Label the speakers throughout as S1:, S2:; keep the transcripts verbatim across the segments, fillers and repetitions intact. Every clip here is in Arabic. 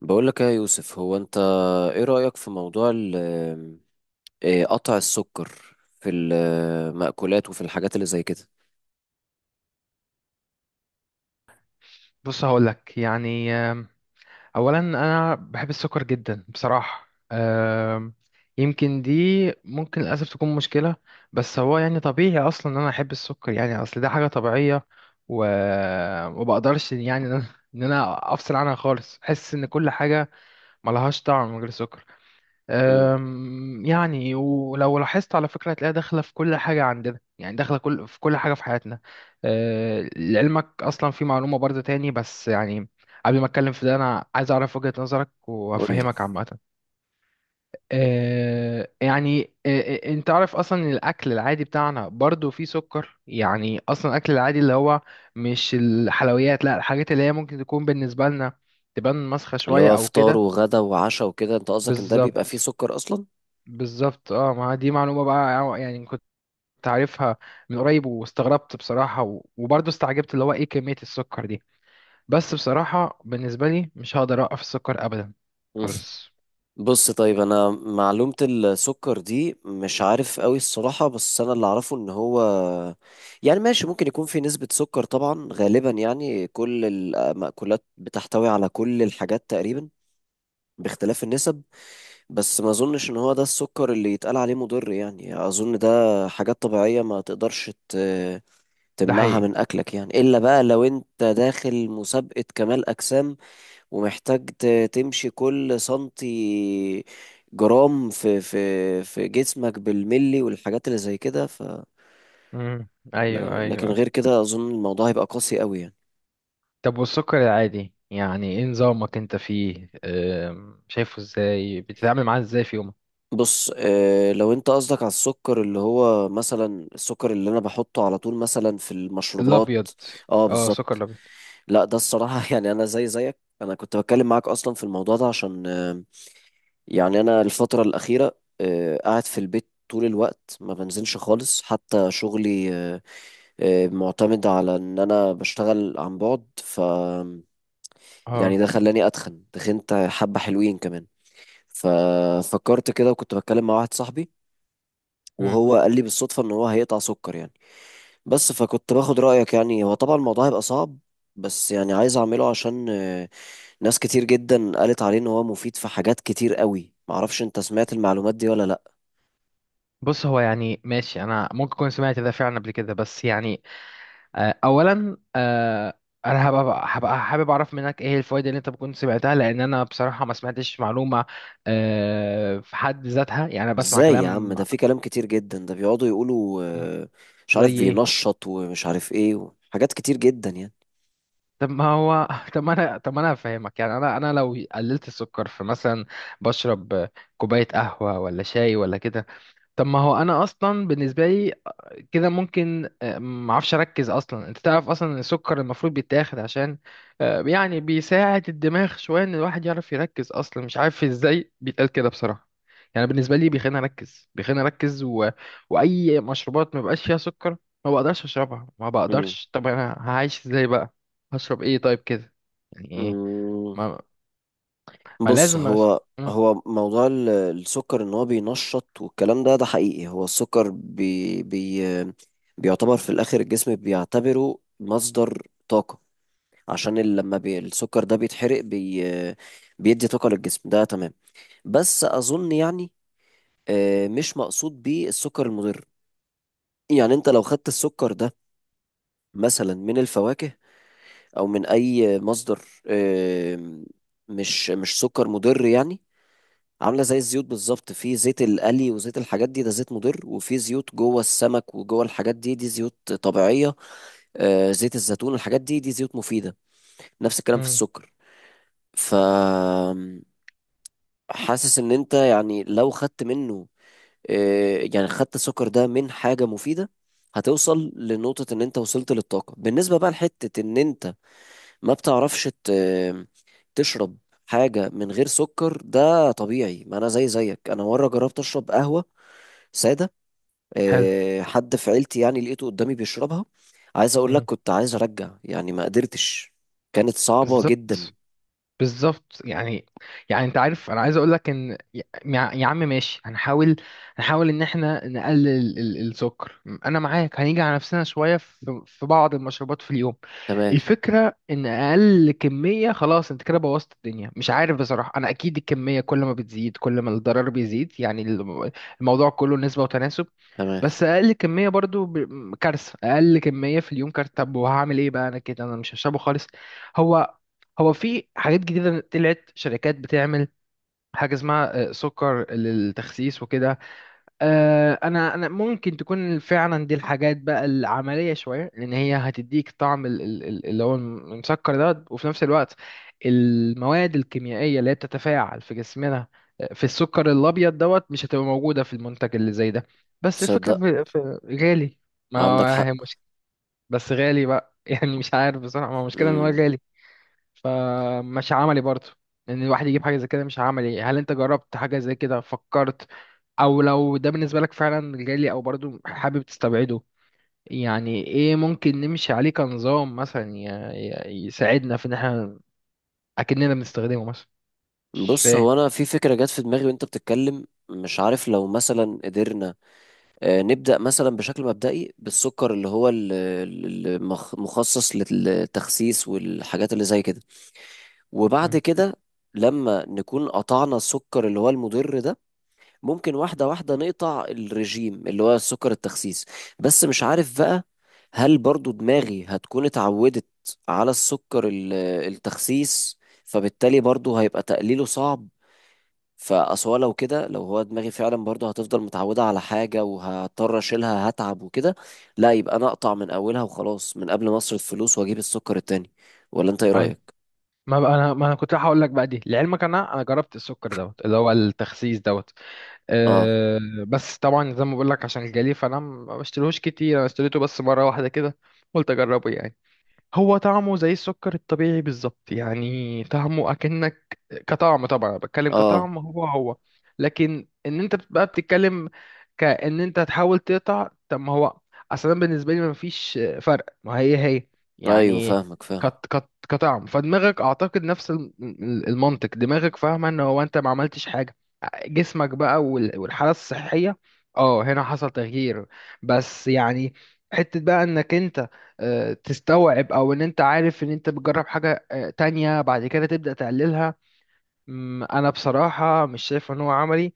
S1: بقول لك يا يوسف، هو انت ايه رأيك في موضوع ال- إيه، قطع السكر في المأكولات وفي الحاجات اللي زي كده؟
S2: بص، هقولك يعني آم، اولا انا بحب السكر جدا بصراحه. آم، يمكن دي ممكن للاسف تكون مشكله. بس هو يعني طبيعي اصلا ان انا احب السكر، يعني اصل ده حاجه طبيعيه. و وما بقدرش، يعني ان انا إن أنا افصل عنها خالص. احس ان كل حاجه ملهاش طعم من غير سكر.
S1: امم.
S2: أم، يعني ولو لاحظت، على فكرة، هتلاقيها داخلة في كل حاجة عندنا، يعني داخلة كل في كل حاجة في حياتنا. أه، لعلمك أصلا في معلومة برضه تاني، بس يعني قبل ما أتكلم في ده أنا عايز أعرف وجهة نظرك
S1: قول لي.
S2: وأفهمك عامة. أه، يعني أه، أه، أنت عارف أصلا إن الأكل العادي بتاعنا برضه فيه سكر، يعني أصلا الأكل العادي اللي هو مش الحلويات، لا الحاجات اللي هي ممكن تكون بالنسبة لنا تبان مسخة
S1: اللي
S2: شوية
S1: هو
S2: أو
S1: فطار
S2: كده.
S1: وغدا وعشاء وكده، انت قصدك ان ده بيبقى فيه
S2: بالظبط،
S1: سكر اصلا؟
S2: بالظبط. اه، ما دي معلومة بقى، يعني كنت عارفها من قريب واستغربت بصراحة، و- وبرضه استعجبت اللي هو ايه كمية السكر دي. بس بصراحة بالنسبة لي مش هقدر اوقف السكر ابدا،
S1: مم.
S2: خالص.
S1: بص طيب، انا معلومة السكر دي مش عارف قوي الصراحة، بس انا اللي اعرفه ان هو يعني ماشي، ممكن يكون في نسبة سكر طبعا، غالبا يعني كل المأكولات بتحتوي على كل الحاجات تقريبا باختلاف النسب. بس ما اظنش ان هو ده السكر اللي يتقال عليه مضر، يعني اظن ده حاجات طبيعية ما تقدرش ت-
S2: ده
S1: تمنعها
S2: حقيقي.
S1: من اكلك، يعني الا بقى لو انت داخل مسابقة كمال اجسام ومحتاج ت- تمشي كل سنتي جرام في في في جسمك بالملي والحاجات اللي زي كده، ف
S2: امم. ايوه،
S1: ل- لكن
S2: ايوه.
S1: غير كده اظن الموضوع هيبقى قاسي قوي يعني.
S2: طب، والسكر العادي يعني ايه نظامك انت فيه، آم، شايفه ازاي، بتتعامل معاه ازاي في يومك؟
S1: بص، آه، لو انت قصدك على السكر اللي هو مثلا السكر اللي انا بحطه على طول مثلا في المشروبات،
S2: الابيض.
S1: اه
S2: اه، سكر
S1: بالظبط.
S2: الابيض.
S1: لا ده الصراحة يعني أنا زي زيك، أنا كنت بتكلم معاك أصلا في الموضوع ده عشان آه، يعني أنا الفترة الأخيرة آه، قاعد في البيت طول الوقت، ما بنزلش خالص، حتى شغلي آه، آه، معتمد على إن أنا بشتغل عن بعد. ف يعني
S2: اه.
S1: ده خلاني أتخن، تخنت حبة حلوين كمان. ففكرت كده وكنت بتكلم مع واحد صاحبي
S2: مم.
S1: وهو قال لي بالصدفة إن هو هيقطع سكر يعني. بس فكنت باخد رأيك، يعني هو طبعا الموضوع هيبقى صعب، بس يعني عايز اعمله عشان آه، ناس كتير جدا قالت عليه ان هو مفيد في حاجات كتير قوي. معرفش انت سمعت المعلومات دي ولا لا.
S2: بص، هو يعني ماشي، انا ممكن اكون سمعت ده فعلا قبل كده، بس يعني آه، اولا آه، انا هبقى هبقى حابب اعرف منك ايه الفوائد اللي انت كنت سمعتها، لان انا بصراحه ما سمعتش معلومه آه، في حد ذاتها. يعني انا بسمع
S1: ازاي يا عم،
S2: كلام.
S1: ده في كلام كتير جدا، ده بيقعدوا يقولوا
S2: مم.
S1: آه، مش
S2: زي
S1: عارف
S2: ايه؟
S1: بينشط ومش عارف ايه، حاجات كتير جدا يعني.
S2: طب ما هو طب ما انا طب ما انا هفهمك. يعني انا انا لو قللت السكر في مثلا بشرب كوبايه قهوه ولا شاي ولا كده. طب ما هو انا اصلا بالنسبه لي كده ممكن آه، ما اعرفش اركز اصلا. انت تعرف اصلا ان السكر المفروض بيتاخد عشان آه، يعني بيساعد الدماغ شويه، ان الواحد يعرف يركز اصلا، مش عارف ازاي بيتقال كده بصراحه. يعني بالنسبه لي بيخليني اركز، بيخليني اركز، و... واي مشروبات ما بقاش فيها سكر ما بقدرش اشربها، ما
S1: مم.
S2: بقدرش. طب انا هعيش ازاي بقى؟ هشرب ايه طيب كده؟ يعني ايه؟
S1: مم.
S2: ما, ما
S1: بص،
S2: لازم أش...
S1: هو
S2: مم.
S1: هو موضوع ال- السكر ان هو بينشط والكلام ده ده حقيقي. هو السكر بي بي بيعتبر في الاخر، الجسم بيعتبره مصدر طاقة، عشان ال- لما بي السكر ده بيتحرق بي بيدي طاقة للجسم، ده تمام. بس اظن يعني آه، مش مقصود بيه السكر المضر، يعني انت لو خدت السكر ده مثلا من الفواكه او من اي مصدر، آه، مش مش سكر مضر يعني. عاملة زي الزيوت بالظبط، في زيت القلي وزيت الحاجات دي، ده زيت مضر، وفي زيوت جوه السمك وجوه الحاجات دي، دي زيوت طبيعية. آه، زيت الزيتون الحاجات دي، دي زيوت مفيدة. نفس الكلام في
S2: مم.
S1: السكر. ف حاسس ان انت يعني لو خدت منه آه، يعني خدت السكر ده من حاجة مفيدة، هتوصل لنقطة ان انت وصلت للطاقة. بالنسبة بقى لحتة ان انت ما بتعرفش ت- تشرب حاجة من غير سكر، ده طبيعي. ما انا زي زيك، انا مرة جربت اشرب قهوة سادة،
S2: حلو.
S1: آه، حد في عيلتي يعني لقيته قدامي بيشربها. عايز اقول لك
S2: مم.
S1: كنت عايز ارجع، يعني ما قدرتش، كانت صعبة جدا.
S2: بالظبط، بالظبط. يعني، يعني انت عارف، انا عايز اقول لك ان يا يا عم، ماشي، هنحاول، هنحاول ان احنا نقلل ال- ال- السكر. انا معاك، هنيجي على نفسنا شويه في في بعض المشروبات في اليوم.
S1: تمام.
S2: الفكره ان اقل كميه، خلاص، انت كده بوظت الدنيا. مش عارف بصراحه، انا اكيد الكميه كل ما بتزيد كل ما الضرر بيزيد، يعني الم- الموضوع كله نسبه وتناسب.
S1: تمام.
S2: بس اقل كميه برضو ب- كارثه، اقل كميه في اليوم كارثه. طب وهعمل ايه بقى انا كده؟ انا مش هشربه خالص. هو هو في حاجات جديدة طلعت شركات بتعمل حاجة اسمها آه، سكر للتخسيس وكده. آه، أنا أنا ممكن تكون فعلا دي الحاجات بقى العملية شوية، لأن هي هتديك طعم ال- ال- ال- اللي هو المسكر ده، وفي نفس الوقت المواد الكيميائية اللي هي بتتفاعل في جسمنا آه، في السكر الأبيض دوت مش هتبقى موجودة في المنتج اللي زي ده. بس الفكرة
S1: تصدق
S2: في في غالي. ما
S1: عندك
S2: هو
S1: حق.
S2: هي مش بس غالي بقى. يعني مش عارف بصراحة، ما هو مشكلة إن هو
S1: مم.
S2: غالي، فمش عملي برضه ان الواحد يجيب حاجه زي كده. مش عملي. هل انت جربت حاجه زي كده؟ فكرت؟ او لو ده بالنسبه لك فعلا جالي او برضه حابب تستبعده؟ يعني ايه ممكن نمشي عليه كنظام مثلا ي- ي- يساعدنا في ان احنا اكننا بنستخدمه مثلا؟ مش
S1: بص،
S2: فاهم.
S1: هو انا في فكرة جت في دماغي وانت بتتكلم، مش عارف لو مثلا قدرنا آه، نبدأ مثلا بشكل مبدئي بالسكر اللي هو المخصص للتخسيس والحاجات اللي زي كده، وبعد
S2: مم.
S1: كده لما نكون قطعنا السكر اللي هو المضر ده، ممكن واحدة واحدة نقطع الرجيم اللي هو سكر التخسيس. بس مش عارف بقى، هل برضو دماغي هتكون اتعودت على السكر ال- التخسيس؟ فبالتالي برضو هيبقى تقليله صعب. فأصل هو لو كده، لو هو دماغي فعلا برضو هتفضل متعودة على حاجة وهضطر أشيلها، هتعب وكده. لا، يبقى أنا أقطع من أولها وخلاص، من قبل ما أصرف فلوس وأجيب السكر التاني. ولا أنت إيه
S2: ايوه.
S1: رأيك؟
S2: ما بقى انا ما انا كنت هقول لك بقى دي، لعلمك انا انا جربت السكر دوت اللي هو التخسيس دوت.
S1: آه.
S2: أه. بس طبعا زي ما بقول لك، عشان جالي فانا ما بشتريهوش كتير، انا اشتريته بس مره واحده كده قلت اجربه يعني. هو طعمه زي السكر الطبيعي بالظبط، يعني طعمه اكنك، كطعم، طبعا أنا بتكلم
S1: آه.
S2: كطعم، هو هو. لكن ان انت بقى بتتكلم كأن انت تحاول تقطع، طب ما هو اصلا بالنسبه لي ما فيش فرق، ما هي هي
S1: أيوه
S2: يعني.
S1: فاهمك، فاهم.
S2: كت كت كطعم، فدماغك اعتقد نفس الم- المنطق، دماغك فاهمه ان هو انت ما عملتش حاجه. جسمك بقى وال- والحاله الصحيه، اه هنا حصل تغيير. بس يعني حته بقى انك انت آه، تستوعب، او ان انت عارف ان انت بتجرب حاجة آه، تانية بعد كده تبدأ تقللها. مم، انا بصراحة مش شايف ان هو عملي.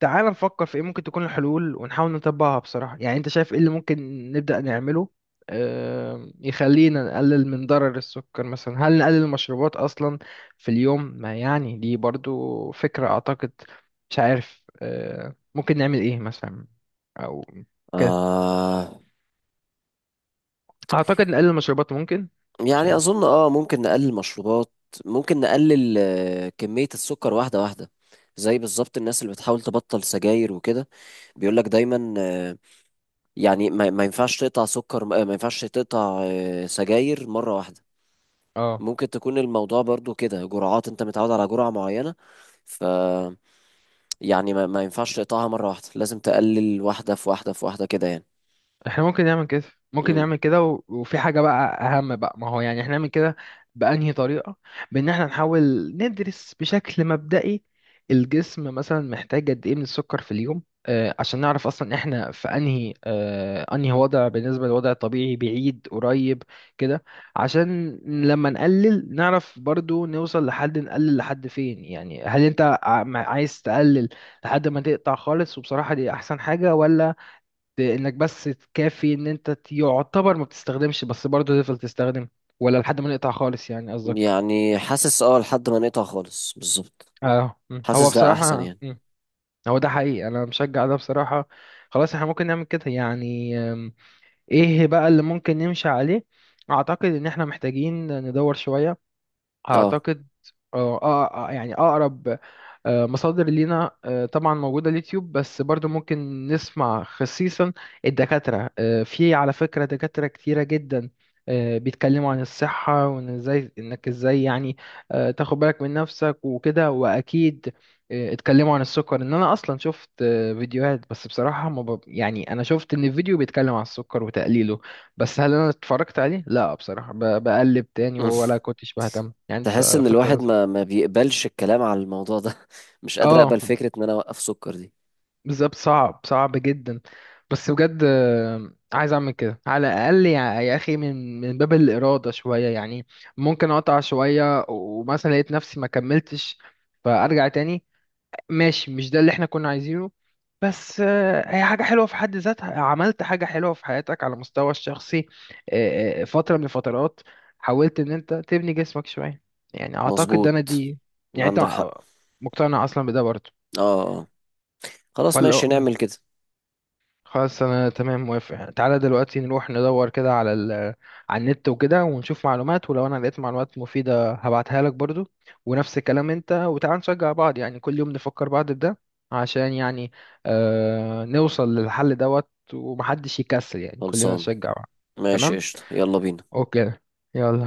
S2: تعال نفكر في ايه ممكن تكون الحلول، ونحاول نطبقها بصراحة. يعني انت شايف ايه اللي ممكن نبدأ نعمله آه، يخلينا نقلل من ضرر السكر؟ مثلا هل نقلل المشروبات اصلا في اليوم؟ ما يعني دي برضو فكرة اعتقد. مش عارف آه، ممكن نعمل ايه مثلا، او كده.
S1: آه.
S2: اعتقد نقلل المشروبات ممكن. مش
S1: يعني
S2: عارف.
S1: اظن اه ممكن نقلل مشروبات، ممكن نقلل آه، كمية السكر واحدة واحدة. زي بالظبط الناس اللي بتحاول تبطل سجاير وكده، بيقولك دايما آه، يعني ما ما ينفعش تقطع سكر، آه، ما ينفعش تقطع آه، سجاير مرة واحدة.
S2: اه.
S1: ممكن تكون الموضوع برضو كده جرعات، انت متعود على جرعة معينة، ف يعني ما, ما ينفعش تقطعها مرة واحدة، لازم تقلل واحدة في واحدة في واحدة كده يعني.
S2: احنا ممكن نعمل كده، ممكن
S1: امم.
S2: نعمل كده، و... وفي حاجة بقى أهم بقى، ما هو يعني احنا نعمل كده بأنهي طريقة؟ بإن احنا نحاول ندرس بشكل مبدئي الجسم مثلا محتاج قد إيه من السكر في اليوم، آه عشان نعرف أصلا احنا في أنهي، آه أنهي وضع بالنسبة للوضع الطبيعي، بعيد قريب كده، عشان لما نقلل نعرف برضو نوصل لحد، نقلل لحد فين يعني. هل انت ع- عايز تقلل لحد ما تقطع خالص، وبصراحة دي أحسن حاجة، ولا انك بس تكافي ان انت ت- يعتبر ما بتستخدمش بس برضه تفضل تستخدم؟ ولا لحد ما نقطع خالص يعني قصدك.
S1: يعني حاسس اه لحد ما نقطع خالص بالظبط،
S2: اه. مم. هو
S1: حاسس ده احسن
S2: بصراحة،
S1: يعني.
S2: مم. هو ده حقيقي، انا مشجع ده بصراحة. خلاص، احنا ممكن نعمل كده يعني. أم، ايه بقى اللي ممكن نمشي عليه؟ اعتقد ان احنا محتاجين ندور شوية.
S1: اه.
S2: اعتقد. اه آه، آه، يعني اقرب آه، مصادر لينا، آه، طبعا موجوده اليوتيوب، بس برضو ممكن نسمع خصيصا الدكاتره. آه، في على فكره دكاتره كتيره جدا آه، بيتكلموا عن الصحه، وان ازاي انك ازاي يعني آه، تاخد بالك من نفسك وكده. واكيد آه، اتكلموا عن السكر. ان انا اصلا شفت آه، فيديوهات، بس بصراحه ما ب... يعني انا شفت ان الفيديو بيتكلم عن السكر وتقليله، بس هل انا اتفرجت عليه؟ لا بصراحه، ب- بقلب تاني ولا كنتش بهتم. يعني
S1: تحس
S2: انت
S1: ان الواحد
S2: فت.
S1: ما ما بيقبلش الكلام على الموضوع ده. مش قادر اقبل
S2: اه،
S1: فكرة ان انا اوقف سكر دي.
S2: بالظبط، صعب، صعب جدا. بس بجد آه، عايز اعمل كده على الاقل، يا يا اخي، من من باب الاراده شويه يعني. ممكن اقطع شويه، ومثلا لقيت نفسي ما كملتش فارجع تاني، ماشي، مش ده اللي احنا كنا عايزينه، بس آه، هي حاجة حلوة في حد ذاتها، عملت حاجة حلوة في حياتك على المستوى الشخصي آه، آه، فترة من الفترات حاولت ان انت تبني جسمك شوية، يعني اعتقد ده انا
S1: مظبوط،
S2: دي. يعني انت
S1: عندك حق.
S2: مقتنع اصلا بده برضه.
S1: اه. آه. خلاص
S2: فلا،
S1: ماشي نعمل كده.
S2: خلاص انا تمام، موافق. تعالى دلوقتي نروح ندور كده على ال... على النت وكده ونشوف معلومات، ولو انا لقيت معلومات مفيدة هبعتها لك برضو، ونفس الكلام انت. وتعالى نشجع بعض يعني، كل يوم نفكر بعض بده، عشان يعني آه نوصل للحل دوت، ومحدش يكسل، يعني كلنا
S1: خلصان،
S2: نشجع بعض.
S1: ماشي
S2: تمام،
S1: قشطة، يلا بينا.
S2: اوكي، يلا.